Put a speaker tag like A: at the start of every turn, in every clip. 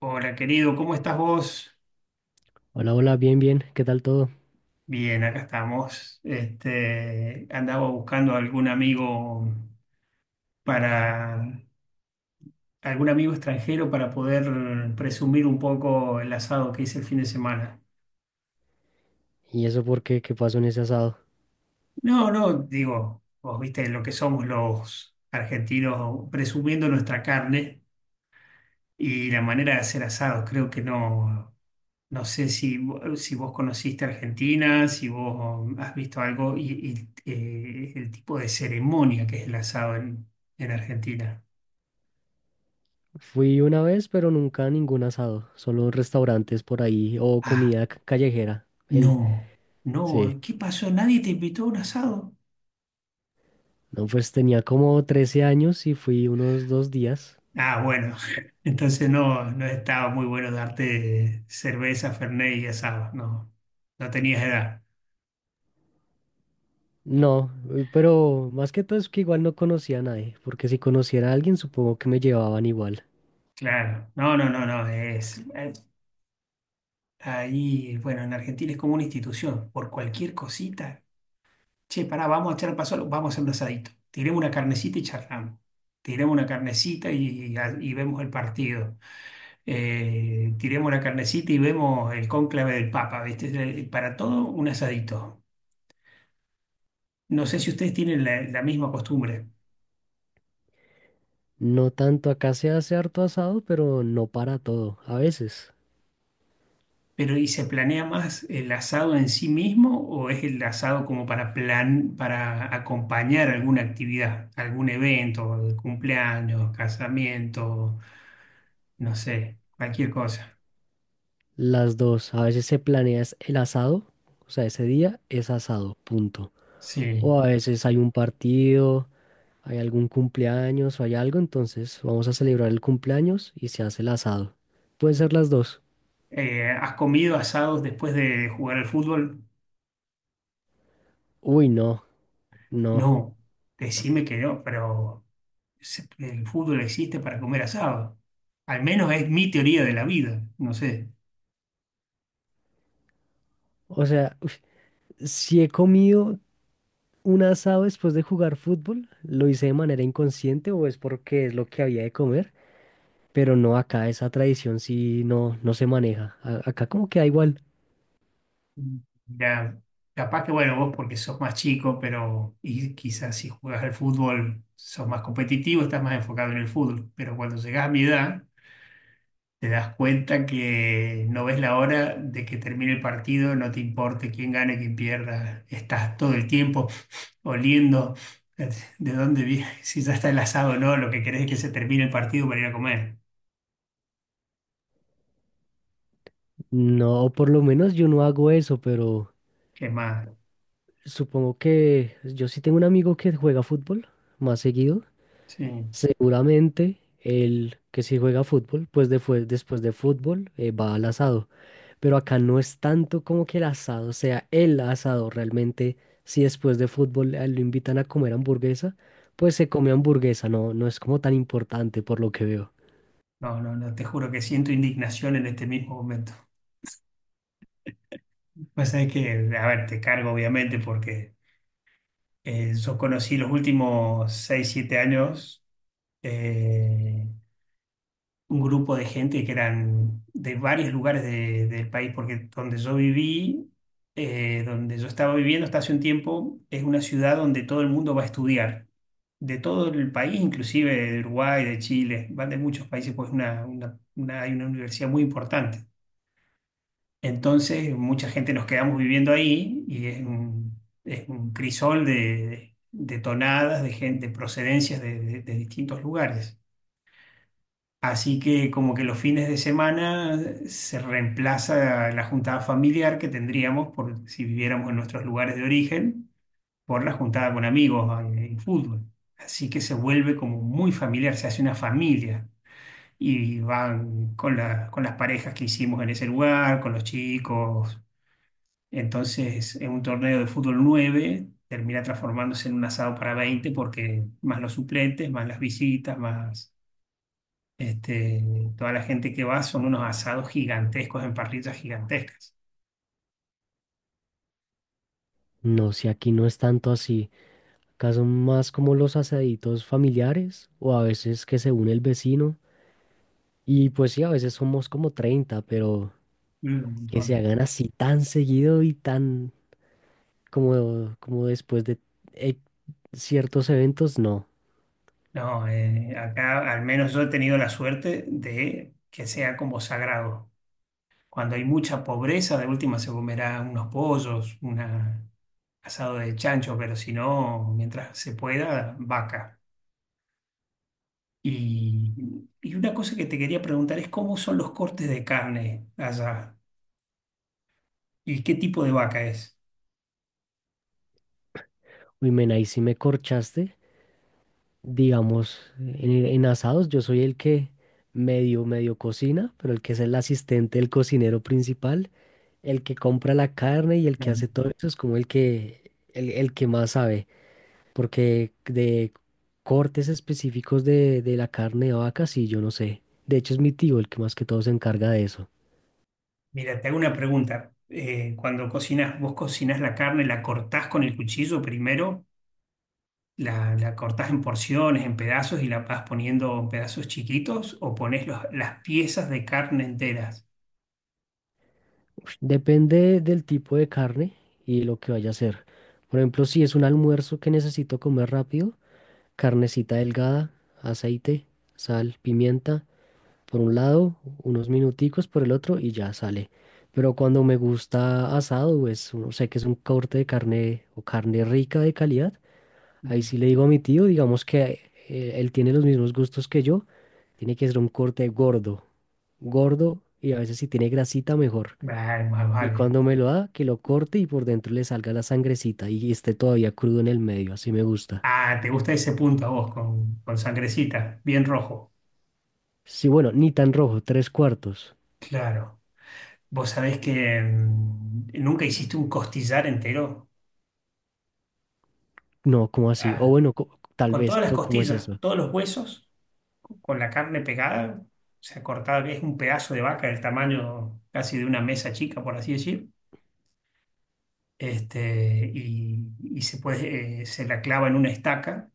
A: Hola, querido, ¿cómo estás vos?
B: Hola, hola, bien, bien, ¿qué tal todo?
A: Bien, acá estamos. Andaba buscando para algún amigo extranjero para poder presumir un poco el asado que hice el fin de semana.
B: ¿Y eso por qué? ¿Qué pasó en ese asado?
A: No, no, digo, vos viste lo que somos los argentinos presumiendo nuestra carne y la manera de hacer asados. Creo que no. No sé si, si vos conociste Argentina, si vos has visto algo y el tipo de ceremonia que es el asado en Argentina.
B: Fui una vez, pero nunca a ningún asado, solo restaurantes por ahí o
A: Ah,
B: comida callejera.
A: no,
B: Sí,
A: no, ¿qué pasó? ¿Nadie te invitó a un asado?
B: no, pues tenía como 13 años y fui unos 2 días.
A: Ah, bueno, entonces no, no estaba muy bueno darte cerveza, fernet y asado, no, no tenías edad,
B: No, pero más que todo es que igual no conocía a nadie, porque si conociera a alguien supongo que me llevaban igual.
A: claro. No, no, no, no, ahí, bueno, en Argentina es como una institución, por cualquier cosita. Che, pará, vamos a echar a paso, vamos a hacer un asadito. Tiremos una carnecita y charlamos. Tiremos una carnecita y vemos el partido. Tiremos una carnecita y vemos el cónclave del Papa, ¿viste? Para todo, un asadito. No sé si ustedes tienen la misma costumbre,
B: No tanto, acá se hace harto asado, pero no para todo, a veces.
A: pero ¿y se planea más el asado en sí mismo o es el asado como para acompañar alguna actividad, algún evento, cumpleaños, casamiento, no sé, cualquier cosa?
B: Las dos, a veces se planea es el asado, o sea, ese día es asado, punto.
A: Sí.
B: O a veces hay un partido, hay algún cumpleaños o hay algo, entonces vamos a celebrar el cumpleaños y se hace el asado. Pueden ser las dos.
A: ¿Has comido asados después de jugar al fútbol?
B: Uy, no, no.
A: No, decime que no, pero el fútbol existe para comer asado. Al menos es mi teoría de la vida, no sé.
B: O sea, uf, si he comido un asado después de jugar fútbol, lo hice de manera inconsciente o es porque es lo que había de comer, pero no acá esa tradición sí no, no se maneja. Acá como que da igual.
A: Ya, capaz que bueno, vos porque sos más chico, pero y quizás si juegas al fútbol sos más competitivo, estás más enfocado en el fútbol, pero cuando llegás a mi edad te das cuenta que no ves la hora de que termine el partido, no te importe quién gane, quién pierda. Estás todo el tiempo oliendo eh, de dónde viene, si ya está el asado o no, lo que querés es que se termine el partido para ir a comer.
B: No, por lo menos yo no hago eso, pero
A: ¿Qué más?
B: supongo que yo sí tengo un amigo que juega fútbol más seguido.
A: Sí.
B: Seguramente él que sí juega fútbol, pues después, después de fútbol va al asado. Pero acá no es tanto como que el asado sea el asado. Realmente, si después de fútbol lo invitan a comer hamburguesa, pues se come hamburguesa. No, no es como tan importante por lo que veo.
A: No, no, no, te juro que siento indignación en este mismo momento. Pues es que, a ver, te cargo obviamente porque yo conocí los últimos 6 7 años. eh, un grupo de gente que eran de varios lugares del país, porque donde yo viví, donde yo estaba viviendo hasta hace un tiempo, es una ciudad donde todo el mundo va a estudiar, de todo el país, inclusive de Uruguay, de Chile, van de muchos países, pues hay una universidad muy importante. Entonces, mucha gente nos quedamos viviendo ahí y es un crisol de tonadas, de gente, de procedencias de distintos lugares. Así que como que los fines de semana se reemplaza la juntada familiar que tendríamos por si viviéramos en nuestros lugares de origen por la juntada con amigos en, fútbol. Así que se vuelve como muy familiar, se hace una familia y van con con las parejas que hicimos en ese lugar, con los chicos. Entonces, en un torneo de fútbol 9, termina transformándose en un asado para 20 porque más los suplentes, más las visitas, más este, toda la gente que va son unos asados gigantescos en parrillas gigantescas.
B: No, si aquí no es tanto así. Acá son más como los asaditos familiares o a veces que se une el vecino. Y pues sí, a veces somos como 30, pero
A: Mm, un
B: que se
A: montón.
B: hagan así tan seguido y tan como después de eh, ciertos eventos, no.
A: No, acá al menos yo he tenido la suerte de que sea como sagrado. Cuando hay mucha pobreza, de última se comerá unos pollos, un asado de chancho, pero si no, mientras se pueda, vaca. Y una cosa que te quería preguntar es cómo son los cortes de carne allá y qué tipo de vaca es.
B: Uy, men, ahí sí me corchaste. Digamos, en asados yo soy el que medio, medio cocina, pero el que es el asistente, el cocinero principal, el que compra la carne y el que hace todo eso es como el que más sabe. Porque de cortes específicos de la carne de vaca, sí, yo no sé. De hecho, es mi tío el que más que todo se encarga de eso.
A: Mira, te hago una pregunta. Cuando cocinas, vos cocinás la carne, ¿la cortás con el cuchillo primero? ¿La cortás en porciones, en pedazos y la vas poniendo en pedazos chiquitos? ¿O pones las piezas de carne enteras?
B: Ush, depende del tipo de carne y lo que vaya a hacer. Por ejemplo, si es un almuerzo que necesito comer rápido, carnecita delgada, aceite, sal, pimienta, por un lado, unos minuticos por el otro y ya sale. Pero cuando me gusta asado, pues uno sé que es un corte de carne o carne rica de calidad. Ahí
A: Mm.
B: sí le digo a mi tío, digamos que él tiene los mismos gustos que yo, tiene que ser un corte gordo, gordo, y a veces si tiene grasita mejor.
A: Vale, vale,
B: Y
A: vale.
B: cuando me lo da, que lo corte y por dentro le salga la sangrecita y esté todavía crudo en el medio, así me gusta.
A: Ah, te gusta ese punto a vos, con sangrecita, bien rojo.
B: Sí, bueno, ni tan rojo, tres cuartos.
A: Claro. Vos sabés que nunca hiciste un costillar entero.
B: No, ¿cómo así? O
A: Ah,
B: bueno, tal
A: con
B: vez,
A: todas las
B: pero ¿cómo es
A: costillas,
B: eso?
A: todos los huesos, con la carne pegada, o sea, cortada, es un pedazo de vaca del tamaño casi de una mesa chica, por así decir. Y, se puede, se la clava en una estaca,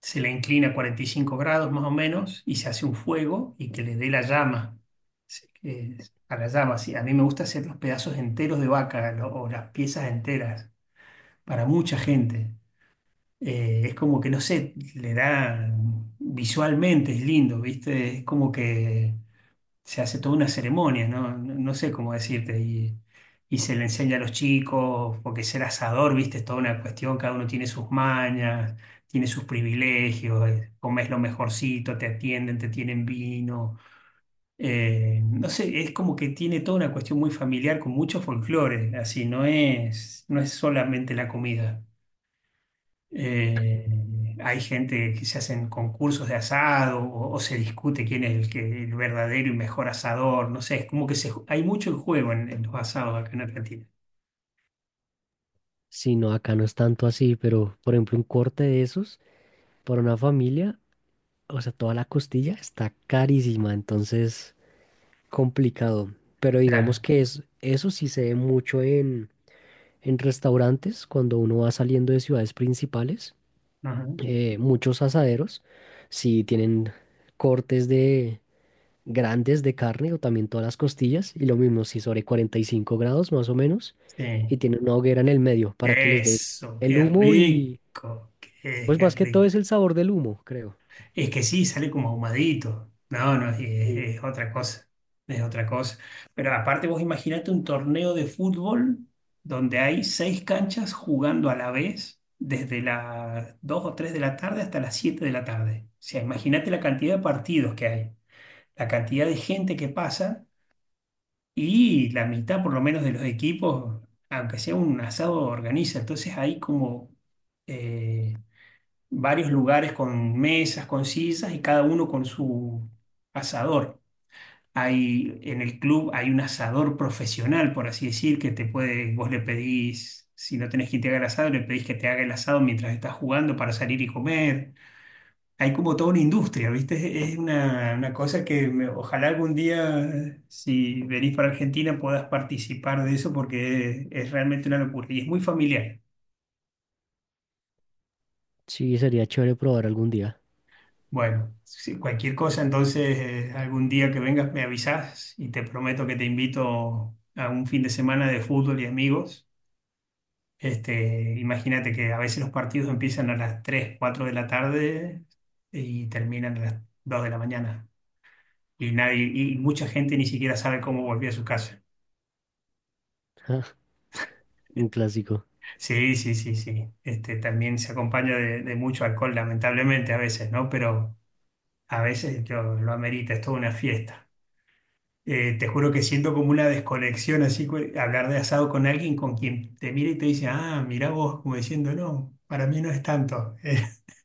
A: se la inclina a 45 grados más o menos y se hace un fuego y que le dé la llama, se- eh, a la llama, sí. A mí me gusta hacer los pedazos enteros de vaca o las piezas enteras para mucha gente. Es como que, no sé, le da visualmente, es lindo, ¿viste? Es como que se hace toda una ceremonia, ¿no? No, no sé cómo decirte. Y se le enseña a los chicos, porque ser asador, viste, es toda una cuestión, cada uno tiene sus mañas, tiene sus privilegios, comes lo mejorcito, te atienden, te tienen vino. No sé, es como que tiene toda una cuestión muy familiar con mucho folclore, así, no es solamente la comida. Eh, hay gente que se hacen concursos de asado o se discute quién es el verdadero y mejor asador. No sé, es como que hay mucho en juego en los asados acá en Argentina.
B: Sí, no, acá no es tanto así, pero por ejemplo, un corte de esos para una familia, o sea, toda la costilla está carísima, entonces complicado, pero digamos
A: Claro.
B: que es, eso sí se ve mucho en restaurantes cuando uno va saliendo de ciudades principales.
A: Ajá,
B: Muchos asaderos sí tienen cortes de grandes de carne o también todas las costillas y lo mismo si sobre 45 grados más o menos, y
A: sí.
B: tienen una hoguera en el medio para que les dé
A: Eso,
B: el
A: qué
B: humo, y
A: rico, qué,
B: pues
A: qué
B: más que todo
A: rico.
B: es el sabor del humo, creo.
A: Es que sí, sale como ahumadito. No, no, es,
B: Sí,
A: es otra cosa. Es otra cosa. Pero aparte, vos imaginate un torneo de fútbol donde hay seis canchas jugando a la vez desde las 2 o 3 de la tarde hasta las 7 de la tarde. O sea, imagínate la cantidad de partidos que hay, la cantidad de gente que pasa y la mitad por lo menos de los equipos, aunque sea un asado, organiza. Entonces hay como eh, varios lugares con mesas, con sillas y cada uno con su asador. En el club hay un asador profesional, por así decir, que te puede, vos le pedís, si no tenés quien te haga el asado, le pedís que te haga el asado mientras estás jugando para salir y comer. Hay como toda una industria, ¿viste? Es una cosa que ojalá algún día, si venís para Argentina, puedas participar de eso porque es realmente una locura y es muy familiar.
B: sí, sería chévere probar algún día.
A: Bueno, si cualquier cosa, entonces algún día que vengas me avisas y te prometo que te invito a un fin de semana de fútbol y amigos. Imagínate que a veces los partidos empiezan a las 3, 4 de la tarde y terminan a las 2 de la mañana. Y nadie, y mucha gente ni siquiera sabe cómo volvió a su casa.
B: Un clásico.
A: Sí, sí, sí, sí. También se acompaña de mucho alcohol, lamentablemente a veces, ¿no? Pero a veces lo amerita, es toda una fiesta. Te juro que siento como una desconexión así, hablar de asado con alguien con quien te mira y te dice, ah, mirá vos, como diciendo, no, para mí no es tanto.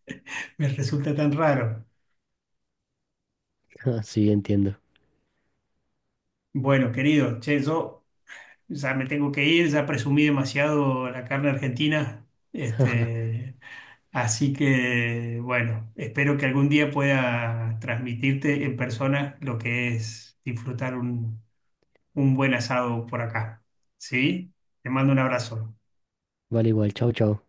A: Eh, me resulta tan raro.
B: Sí, entiendo.
A: Bueno, querido, che, yo ya me tengo que ir, ya presumí demasiado la carne argentina, este, así que, bueno, espero que algún día pueda transmitirte en persona lo que es disfrutar un, buen asado por acá, ¿sí? Te mando un abrazo.
B: Vale, igual, chao, chao.